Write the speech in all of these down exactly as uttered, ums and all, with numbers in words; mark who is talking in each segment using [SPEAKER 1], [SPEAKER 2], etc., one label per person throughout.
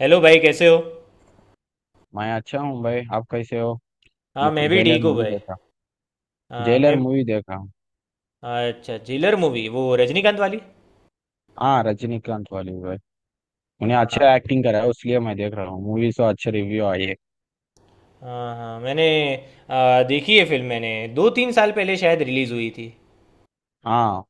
[SPEAKER 1] Hello भाई, कैसे हो।
[SPEAKER 2] मैं अच्छा हूँ भाई। आप कैसे हो?
[SPEAKER 1] हाँ, मैं
[SPEAKER 2] म-
[SPEAKER 1] भी
[SPEAKER 2] जेलर
[SPEAKER 1] ठीक हूँ
[SPEAKER 2] मूवी
[SPEAKER 1] भाई।
[SPEAKER 2] देखा।
[SPEAKER 1] हाँ,
[SPEAKER 2] जेलर
[SPEAKER 1] मैं।
[SPEAKER 2] मूवी देखा हूँ।
[SPEAKER 1] अच्छा, जिलर मूवी, वो रजनीकांत वाली।
[SPEAKER 2] हाँ रजनीकांत वाली भाई। उन्हें अच्छा
[SPEAKER 1] हाँ,
[SPEAKER 2] एक्टिंग करा है इसलिए मैं देख रहा हूँ। मूवी से अच्छे रिव्यू आए।
[SPEAKER 1] हाँ, हाँ, मैंने आ, देखी है फिल्म, मैंने दो तीन साल पहले शायद रिलीज़ हुई थी।
[SPEAKER 2] हाँ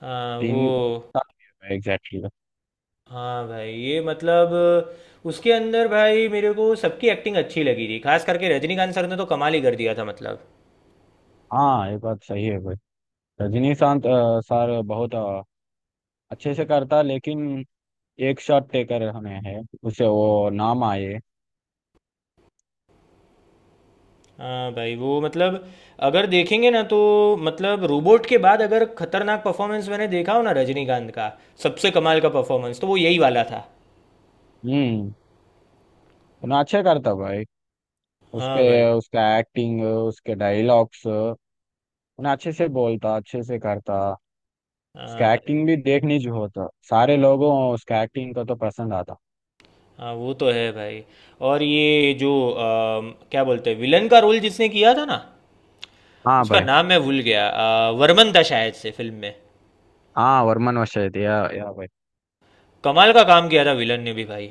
[SPEAKER 1] हाँ, वो।
[SPEAKER 2] तीन साल एग्जैक्टली।
[SPEAKER 1] हाँ भाई, ये मतलब। उसके अंदर भाई मेरे को सबकी एक्टिंग अच्छी लगी थी, खास करके रजनीकांत सर ने तो कमाल ही कर दिया था, मतलब।
[SPEAKER 2] हाँ ये बात सही है भाई। रजनीकांत अ, सर बहुत अ, अच्छे से करता लेकिन एक शॉट टेकर हमें है। उसे वो नाम आए।
[SPEAKER 1] हाँ भाई, वो मतलब, अगर देखेंगे ना तो, मतलब रोबोट के बाद अगर खतरनाक परफॉर्मेंस मैंने देखा हो ना रजनीकांत का, सबसे कमाल का परफॉर्मेंस तो वो यही वाला था।
[SPEAKER 2] हम्म। उन्हें अच्छे करता भाई
[SPEAKER 1] हाँ
[SPEAKER 2] उसपे।
[SPEAKER 1] भाई।
[SPEAKER 2] उसका एक्टिंग उसके डायलॉग्स उन्हें अच्छे से बोलता अच्छे से करता।
[SPEAKER 1] हाँ भाई।
[SPEAKER 2] स्कैटिंग भी देखनी जो होता सारे लोगों स्कैटिंग को तो पसंद आता।
[SPEAKER 1] हाँ, वो तो है भाई। और ये जो अम, क्या बोलते हैं, विलन का रोल जिसने किया था ना,
[SPEAKER 2] हाँ
[SPEAKER 1] उसका
[SPEAKER 2] भाई।
[SPEAKER 1] नाम मैं भूल गया, अ, वर्मन था शायद से फिल्म में।
[SPEAKER 2] हाँ वरमान वशायद या या भाई।
[SPEAKER 1] कमाल का काम किया था विलन ने भी भाई।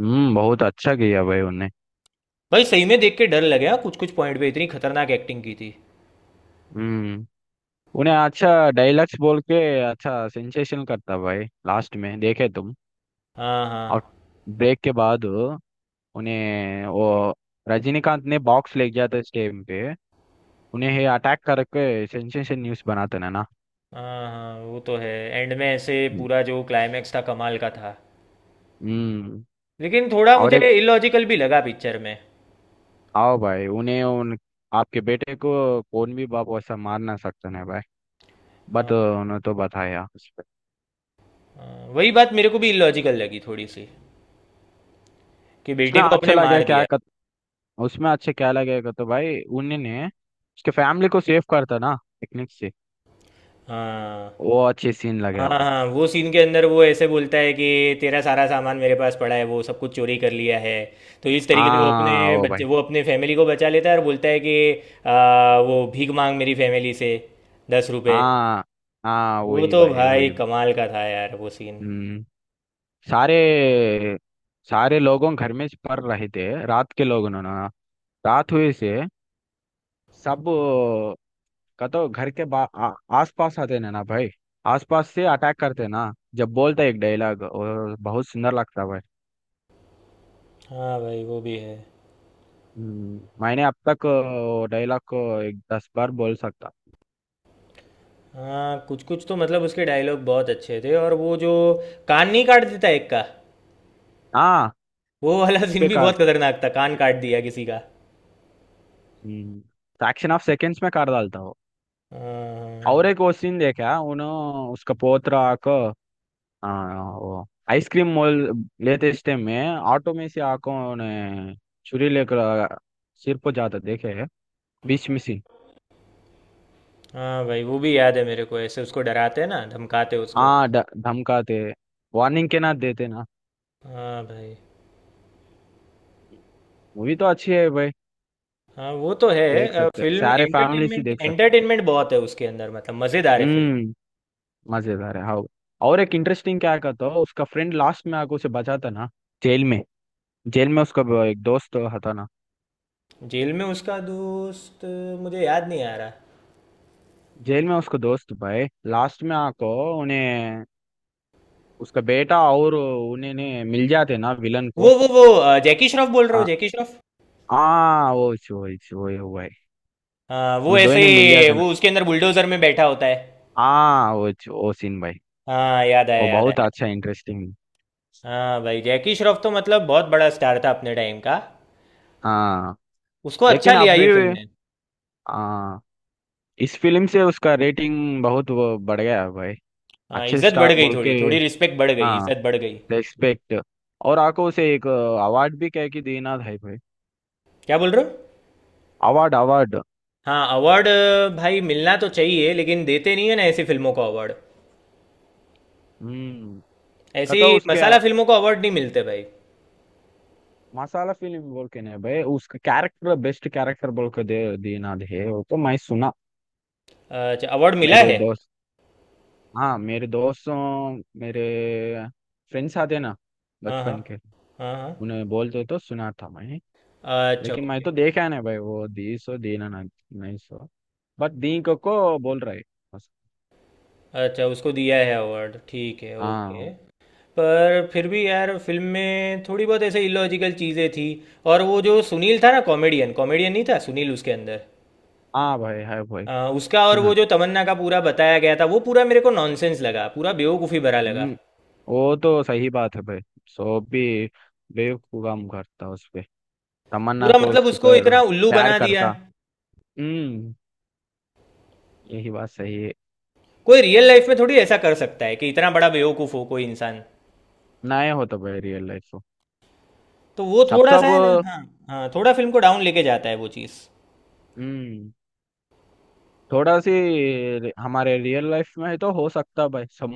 [SPEAKER 2] हम्म बहुत अच्छा किया भाई उन्हें।
[SPEAKER 1] भाई सही में देख के डर लगे, हाँ कुछ कुछ पॉइंट पे इतनी खतरनाक एक्टिंग की थी।
[SPEAKER 2] हम्म। उन्हें अच्छा डायलॉग्स बोल के अच्छा सेंसेशन करता भाई लास्ट में देखे तुम।
[SPEAKER 1] हाँ,
[SPEAKER 2] और
[SPEAKER 1] हाँ।
[SPEAKER 2] ब्रेक के बाद उन्हें वो रजनीकांत ने बॉक्स ले गया था इस टाइम पे। उन्हें अटैक करके सेंसेशन न्यूज बनाते ना ना।
[SPEAKER 1] हाँ, हाँ, वो तो है। एंड में ऐसे
[SPEAKER 2] हम्म।
[SPEAKER 1] पूरा जो क्लाइमैक्स था, कमाल का था।
[SPEAKER 2] हम्म,
[SPEAKER 1] लेकिन थोड़ा
[SPEAKER 2] और एक
[SPEAKER 1] मुझे इलॉजिकल भी लगा पिक्चर में।
[SPEAKER 2] आओ भाई उन्हें उन आपके बेटे को कौन भी बाप वैसा मार ना सकते हैं भाई।
[SPEAKER 1] हाँ,
[SPEAKER 2] बट उन्हें तो बताया उसपे।
[SPEAKER 1] हाँ, वही बात मेरे को भी इलॉजिकल लगी थोड़ी सी, कि बेटे
[SPEAKER 2] उसमें
[SPEAKER 1] को
[SPEAKER 2] अच्छा
[SPEAKER 1] अपने
[SPEAKER 2] लगे
[SPEAKER 1] मार
[SPEAKER 2] क्या
[SPEAKER 1] दिया।
[SPEAKER 2] कर। उसमें अच्छे क्या लगेगा तो भाई उन्होंने उसके फैमिली को सेव करता ना टेक्निक से।
[SPEAKER 1] हाँ।
[SPEAKER 2] वो अच्छे सीन लगे
[SPEAKER 1] हाँ,
[SPEAKER 2] भाई।
[SPEAKER 1] हाँ, वो सीन के अंदर वो ऐसे बोलता है कि, तेरा सारा सामान मेरे पास पड़ा है, वो सब कुछ चोरी कर लिया है। तो इस तरीके से वो
[SPEAKER 2] हाँ
[SPEAKER 1] अपने
[SPEAKER 2] वो भाई।
[SPEAKER 1] बच्चे, वो अपने फैमिली को बचा लेता है और बोलता है कि आ, वो भीख मांग मेरी फैमिली से दस रुपए।
[SPEAKER 2] हाँ, हाँ,
[SPEAKER 1] वो
[SPEAKER 2] वही
[SPEAKER 1] तो
[SPEAKER 2] भाई
[SPEAKER 1] भाई
[SPEAKER 2] वही।
[SPEAKER 1] कमाल का था यार, वो सीन।
[SPEAKER 2] हम्म। सारे सारे लोगों घर में पड़ रहे थे रात के लोगों ने ना। रात हुए से सब का तो घर के बा आ, आस पास आते ना ना भाई। आस पास से अटैक करते ना जब बोलता है एक डायलॉग और बहुत सुंदर लगता है भाई।
[SPEAKER 1] हाँ भाई, वो भी है।
[SPEAKER 2] हम्म, मैंने अब तक अ, डायलॉग को एक दस बार बोल सकता।
[SPEAKER 1] हाँ कुछ कुछ तो मतलब, उसके डायलॉग बहुत अच्छे थे। और वो जो कान नहीं काट देता एक का,
[SPEAKER 2] हाँ
[SPEAKER 1] वो वाला
[SPEAKER 2] उस
[SPEAKER 1] सीन
[SPEAKER 2] पे
[SPEAKER 1] भी
[SPEAKER 2] कर
[SPEAKER 1] बहुत खतरनाक था, कान काट दिया किसी का।
[SPEAKER 2] फ्रैक्शन ऑफ सेकेंड्स में कर डालता हो।
[SPEAKER 1] हाँ।
[SPEAKER 2] और एक वो सीन देखा उन्होंने। उसका पोत्र आको आइसक्रीम मोल लेते इस टाइम में ऑटो में से आको ने छुरी लेकर सिर पर जाता देखे बीच में से।
[SPEAKER 1] हाँ भाई, वो भी याद है मेरे को, ऐसे उसको डराते हैं ना, धमकाते उसको।
[SPEAKER 2] हाँ ड- धमकाते। वार्निंग के ना देते ना।
[SPEAKER 1] हाँ भाई।
[SPEAKER 2] मूवी तो अच्छी है भाई।
[SPEAKER 1] हाँ, वो तो
[SPEAKER 2] देख
[SPEAKER 1] है।
[SPEAKER 2] सकते
[SPEAKER 1] फिल्म
[SPEAKER 2] सारे फैमिली से
[SPEAKER 1] एंटरटेनमेंट
[SPEAKER 2] देख सकते।
[SPEAKER 1] एंटरटेनमेंट बहुत है उसके अंदर, मतलब मज़ेदार है फिल्म।
[SPEAKER 2] हम्म मजेदार है हाँ। और एक इंटरेस्टिंग क्या कहता हो उसका फ्रेंड लास्ट में आके उसे बचाता ना। जेल में। जेल में उसका वो एक दोस्त होता ना।
[SPEAKER 1] जेल में उसका दोस्त, अ, मुझे याद नहीं आ रहा।
[SPEAKER 2] जेल में उसका दोस्त भाई लास्ट में आको उन्हें। उसका बेटा और उन्हें ने मिल जाते ना विलन को।
[SPEAKER 1] वो वो वो अ, जैकी श्रॉफ बोल रहे हो,
[SPEAKER 2] आ-
[SPEAKER 1] जैकी श्रॉफ?
[SPEAKER 2] हाँ वो चो- वो चो- वो वो भाई।
[SPEAKER 1] हाँ, वो
[SPEAKER 2] उन दो ही
[SPEAKER 1] ऐसे,
[SPEAKER 2] ने मिल जाते ना।
[SPEAKER 1] वो उसके अंदर बुलडोजर में बैठा होता है।
[SPEAKER 2] हाँ वो चो- वो सीन भाई।
[SPEAKER 1] हाँ, याद आया,
[SPEAKER 2] वो
[SPEAKER 1] याद
[SPEAKER 2] बहुत
[SPEAKER 1] आया।
[SPEAKER 2] अच्छा इंटरेस्टिंग।
[SPEAKER 1] हाँ भाई, जैकी श्रॉफ तो मतलब बहुत बड़ा स्टार था अपने टाइम का।
[SPEAKER 2] हाँ
[SPEAKER 1] उसको अच्छा
[SPEAKER 2] लेकिन
[SPEAKER 1] लिया
[SPEAKER 2] अभी
[SPEAKER 1] ये फिल्म ने।
[SPEAKER 2] आ, इस फिल्म से उसका रेटिंग बहुत वो बढ़ गया है भाई।
[SPEAKER 1] हाँ,
[SPEAKER 2] अच्छे
[SPEAKER 1] इज्जत बढ़
[SPEAKER 2] स्टार
[SPEAKER 1] गई
[SPEAKER 2] बोल के।
[SPEAKER 1] थोड़ी थोड़ी, रिस्पेक्ट बढ़ गई,
[SPEAKER 2] हाँ
[SPEAKER 1] इज्जत बढ़ गई।
[SPEAKER 2] रेस्पेक्ट। और आको उसे एक अवार्ड भी कह के देना था भाई।
[SPEAKER 1] क्या बोल रहे हो?
[SPEAKER 2] Award, award.
[SPEAKER 1] हाँ, अवार्ड। भाई मिलना तो चाहिए, लेकिन देते नहीं है ना ऐसी फिल्मों को अवार्ड।
[SPEAKER 2] हम्म। कतो
[SPEAKER 1] ऐसी
[SPEAKER 2] उसके
[SPEAKER 1] मसाला फिल्मों को अवार्ड नहीं मिलते भाई।
[SPEAKER 2] मसाला फिल्म बोल के नहीं भाई। उसका कैरेक्टर बेस्ट कैरेक्टर बोल के दे देना है वो तो मैं सुना।
[SPEAKER 1] अच्छा, अवार्ड मिला
[SPEAKER 2] मेरे
[SPEAKER 1] है?
[SPEAKER 2] दोस्त। हाँ मेरे दोस्तों मेरे फ्रेंड्स आते ना
[SPEAKER 1] हाँ, हाँ,
[SPEAKER 2] बचपन के।
[SPEAKER 1] हाँ,
[SPEAKER 2] उन्हें बोलते तो सुना था मैं।
[SPEAKER 1] हाँ, अच्छा,
[SPEAKER 2] लेकिन मैं
[SPEAKER 1] ओके,
[SPEAKER 2] तो
[SPEAKER 1] ओके।
[SPEAKER 2] देखा है ना भाई। वो दी सो दीना ना नहीं सो। बट दी को, को बोल रहा है। बस।
[SPEAKER 1] अच्छा, उसको दिया है अवार्ड, ठीक है, ओके।
[SPEAKER 2] हाँ।
[SPEAKER 1] पर फिर भी यार, फिल्म में थोड़ी बहुत ऐसे इलॉजिकल चीज़ें थी। और वो जो सुनील था ना, कॉमेडियन कॉमेडियन नहीं था सुनील उसके अंदर,
[SPEAKER 2] हाँ भाई है भाई।
[SPEAKER 1] आ, उसका, और वो
[SPEAKER 2] सुनल।
[SPEAKER 1] जो तमन्ना का पूरा बताया गया था, वो पूरा मेरे को नॉनसेंस लगा, पूरा बेवकूफ़ी भरा लगा।
[SPEAKER 2] हम्म वो तो सही बात है भाई। सो भी बेवकूफ काम करता उस पे। तमन्ना
[SPEAKER 1] पूरा
[SPEAKER 2] को
[SPEAKER 1] मतलब
[SPEAKER 2] उसके
[SPEAKER 1] उसको
[SPEAKER 2] पर
[SPEAKER 1] इतना उल्लू
[SPEAKER 2] प्यार
[SPEAKER 1] बना दिया।
[SPEAKER 2] करता। हम्म यही बात सही है।
[SPEAKER 1] कोई रियल लाइफ में थोड़ी ऐसा कर सकता है कि इतना बड़ा बेवकूफ हो कोई इंसान।
[SPEAKER 2] नए हो तो भाई रियल लाइफ हो।
[SPEAKER 1] तो वो
[SPEAKER 2] सब
[SPEAKER 1] थोड़ा सा
[SPEAKER 2] सब।
[SPEAKER 1] है ना, हाँ। हाँ, थोड़ा फिल्म को डाउन लेके जाता है वो चीज़।
[SPEAKER 2] हम्म थोड़ा सी। हमारे रियल लाइफ में तो हो सकता भाई सब।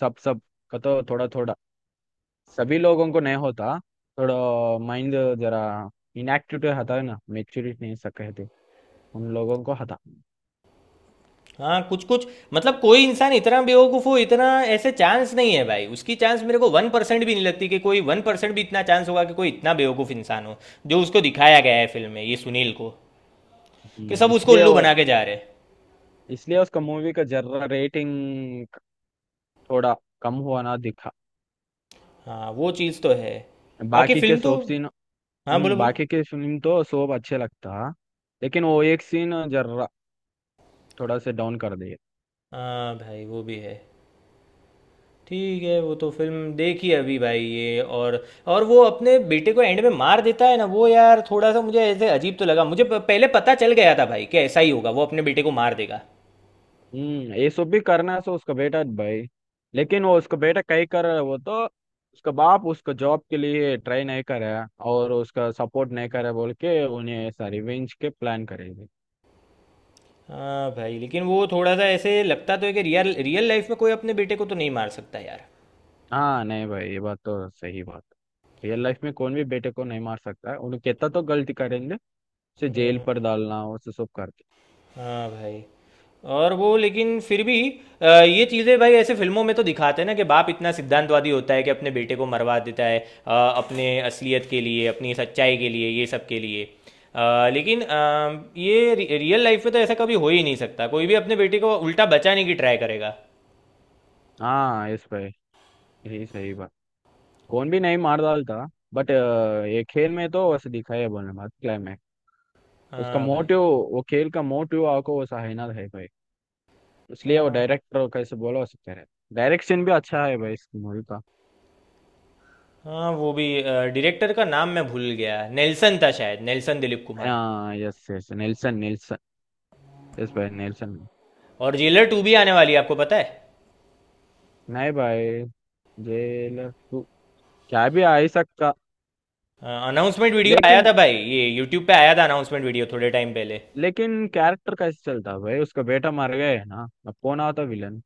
[SPEAKER 2] सब सब। का तो थोड़ा थोड़ा सभी लोगों को नहीं होता। थोड़ा माइंड जरा इनएक्टिव होता है ना मेच्योरिटी नहीं सक कहते उन लोगों को हता।
[SPEAKER 1] हाँ, कुछ कुछ। मतलब कोई इंसान इतना बेवकूफ हो, इतना, ऐसे चांस नहीं है भाई। उसकी चांस मेरे को वन परसेंट भी नहीं लगती कि कोई वन परसेंट भी इतना चांस होगा कि कोई इतना बेवकूफ इंसान हो, जो उसको दिखाया गया है फिल्म में, ये सुनील को, कि
[SPEAKER 2] हम्म,
[SPEAKER 1] सब उसको
[SPEAKER 2] इसलिए
[SPEAKER 1] उल्लू
[SPEAKER 2] वो
[SPEAKER 1] बना के जा रहे हैं।
[SPEAKER 2] इसलिए उसका मूवी का जरा रेटिंग थोड़ा कम हुआ ना दिखा।
[SPEAKER 1] हाँ, वो चीज़ तो है। बाकी
[SPEAKER 2] बाकी के
[SPEAKER 1] फिल्म तो,
[SPEAKER 2] सोप सीन।
[SPEAKER 1] हाँ, बोलो
[SPEAKER 2] हम्म
[SPEAKER 1] बोलो।
[SPEAKER 2] बाकी के फिल्म तो सोप अच्छे लगता लेकिन वो एक सीन जरा थोड़ा से डाउन कर दे।
[SPEAKER 1] हाँ भाई, वो भी है। ठीक है, वो तो फिल्म देखी अभी भाई ये, और और वो अपने बेटे को एंड में मार देता है ना, वो यार थोड़ा सा मुझे ऐसे अजीब तो लगा, मुझे प- पहले पता चल गया था भाई कि ऐसा ही होगा, वो अपने बेटे को मार देगा।
[SPEAKER 2] हम्म ये सब भी करना है सो उसका बेटा भाई। लेकिन वो उसका बेटा कई कर रहा है। वो तो उसका बाप उसका जॉब के लिए ट्राई नहीं कर रहा है और उसका सपोर्ट नहीं कर रहा है बोल के उन्हें ऐसा रिवेंज के प्लान करेगी।
[SPEAKER 1] हाँ भाई, लेकिन वो थोड़ा सा ऐसे लगता तो है कि रियल रियल लाइफ में कोई अपने बेटे को तो नहीं मार सकता यार।
[SPEAKER 2] हाँ नहीं भाई ये बात तो सही बात है। रियल लाइफ में कौन भी बेटे को नहीं मार सकता है। उन्हें कितना तो गलती करेंगे उसे जेल पर डालना उसे सब करते।
[SPEAKER 1] हाँ भाई। और वो लेकिन फिर भी, अ, ये चीज़ें भाई ऐसे फिल्मों में तो दिखाते हैं ना, कि बाप इतना सिद्धांतवादी होता है कि अपने बेटे को मरवा देता है, अ, अपने असलियत के लिए, अपनी सच्चाई के लिए, ये सब के लिए। अ, लेकिन अ, ये रि- रियल लाइफ में तो ऐसा कभी हो ही नहीं सकता, कोई भी अपने बेटे को उल्टा बचाने की ट्राई करेगा।
[SPEAKER 2] हाँ इस भाई यही सही बात। कौन भी नहीं मार डालता। बट ये खेल में तो वैसे दिखाया बोलने बात क्लाइमैक्स। उसका
[SPEAKER 1] हाँ भाई।
[SPEAKER 2] मोटिव वो खेल का मोटिव आपको वो सहना है भाई। इसलिए वो
[SPEAKER 1] हाँ,
[SPEAKER 2] डायरेक्टर कैसे बोला सकते हैं। डायरेक्शन भी अच्छा है भाई इस मूवी का।
[SPEAKER 1] हाँ, वो भी, डायरेक्टर का नाम मैं भूल गया, नेल्सन था शायद, नेल्सन दिलीप कुमार।
[SPEAKER 2] हाँ yes yes Nelson, Nelson. Yes भाई नेल्सन।
[SPEAKER 1] और जेलर टू भी आने वाली है, आपको पता है?
[SPEAKER 2] नहीं भाई। जेलर टू क्या भी आ ही सकता।
[SPEAKER 1] अनाउंसमेंट वीडियो आया
[SPEAKER 2] लेकिन
[SPEAKER 1] था भाई, ये यूट्यूब पे आया था अनाउंसमेंट वीडियो, थोड़े टाइम पहले।
[SPEAKER 2] लेकिन कैरेक्टर कैसे चलता भाई? उसका बेटा मर गया है ना अब कौन आता विलन।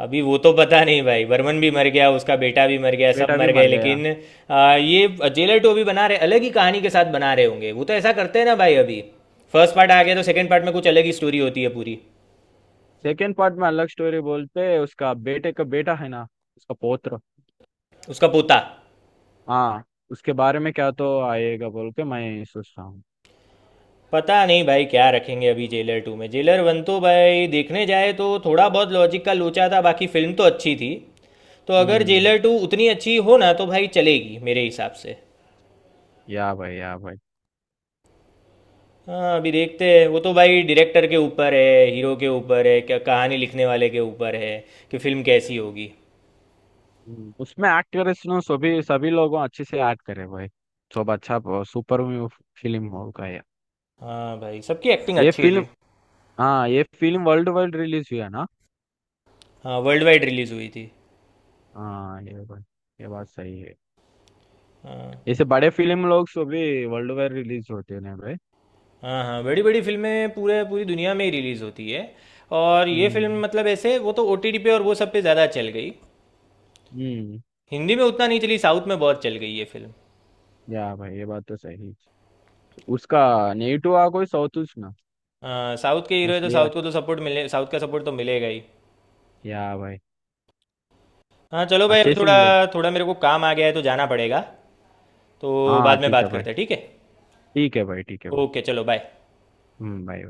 [SPEAKER 1] अभी वो तो पता नहीं भाई, बर्मन भी मर गया, उसका बेटा भी मर गया, सब
[SPEAKER 2] बेटा भी
[SPEAKER 1] मर गए
[SPEAKER 2] मर गया।
[SPEAKER 1] लेकिन, आ, ये जेलर टू अभी बना रहे अलग ही कहानी के साथ, बना रहे होंगे वो तो, ऐसा करते हैं ना भाई अभी, फर्स्ट पार्ट आ गया तो सेकंड पार्ट में कुछ अलग ही स्टोरी होती है पूरी।
[SPEAKER 2] सेकेंड पार्ट में अलग स्टोरी बोलते उसका बेटे का बेटा है ना। उसका पोत्र।
[SPEAKER 1] उसका पोता।
[SPEAKER 2] हाँ। उसके बारे में क्या तो आएगा बोल के मैं सोच रहा हूँ।
[SPEAKER 1] पता नहीं भाई क्या रखेंगे अभी जेलर टू में, जेलर वन तो भाई देखने जाए तो थोड़ा बहुत लॉजिक का लोचा था, बाकी फिल्म तो अच्छी थी। तो अगर
[SPEAKER 2] हम्म।
[SPEAKER 1] जेलर टू उतनी अच्छी हो ना तो भाई चलेगी मेरे हिसाब से।
[SPEAKER 2] या भाई, या भाई।
[SPEAKER 1] हाँ, अभी देखते हैं, वो तो भाई डायरेक्टर के ऊपर है, हीरो के ऊपर है, क्या कहानी लिखने वाले के ऊपर है, कि फिल्म कैसी होगी।
[SPEAKER 2] हम्म, उसमें एक्ट करे सुनो सभी सभी लोगों अच्छे से एक्ट करे भाई। सब अच्छा सुपर फिल्म होगा ये।
[SPEAKER 1] हाँ भाई, सबकी एक्टिंग
[SPEAKER 2] ये
[SPEAKER 1] अच्छी
[SPEAKER 2] फिल्म।
[SPEAKER 1] थी।
[SPEAKER 2] हाँ ये फिल्म वर्ल्ड वाइड रिलीज हुआ ना।
[SPEAKER 1] हाँ, वर्ल्ड वाइड रिलीज़ हुई थी।
[SPEAKER 2] हाँ ये भाई ये बात सही है।
[SPEAKER 1] हाँ,
[SPEAKER 2] ऐसे बड़े फिल्म लोग सभी वर्ल्ड वाइड रिलीज होते हैं भाई।
[SPEAKER 1] हाँ, हाँ, बड़ी बड़ी फिल्में पूरे पूरी दुनिया में ही रिलीज़ होती है। और ये फिल्म
[SPEAKER 2] हम्म।
[SPEAKER 1] मतलब ऐसे वो तो ओ टी टी पे और वो सब पे ज़्यादा चल गई।
[SPEAKER 2] हम्म
[SPEAKER 1] हिंदी में उतना नहीं चली, साउथ में बहुत चल गई ये फिल्म।
[SPEAKER 2] या भाई ये बात तो सही। उसका नेटिव आ कोई साउथ ना।
[SPEAKER 1] हाँ, साउथ के हीरो है तो
[SPEAKER 2] उसलिए
[SPEAKER 1] साउथ को तो सपोर्ट मिले, साउथ का सपोर्ट तो मिलेगा ही।
[SPEAKER 2] या भाई।
[SPEAKER 1] हाँ, चलो भाई,
[SPEAKER 2] अच्छे
[SPEAKER 1] अभी
[SPEAKER 2] से
[SPEAKER 1] थोड़ा
[SPEAKER 2] मिले।
[SPEAKER 1] थोड़ा मेरे को काम आ गया है तो जाना पड़ेगा। तो
[SPEAKER 2] हाँ
[SPEAKER 1] बाद में
[SPEAKER 2] ठीक
[SPEAKER 1] बात
[SPEAKER 2] है भाई।
[SPEAKER 1] करते हैं, ठीक है?
[SPEAKER 2] ठीक है भाई, ठीक है भाई।
[SPEAKER 1] ओके, चलो बाय।
[SPEAKER 2] हम्म भाई।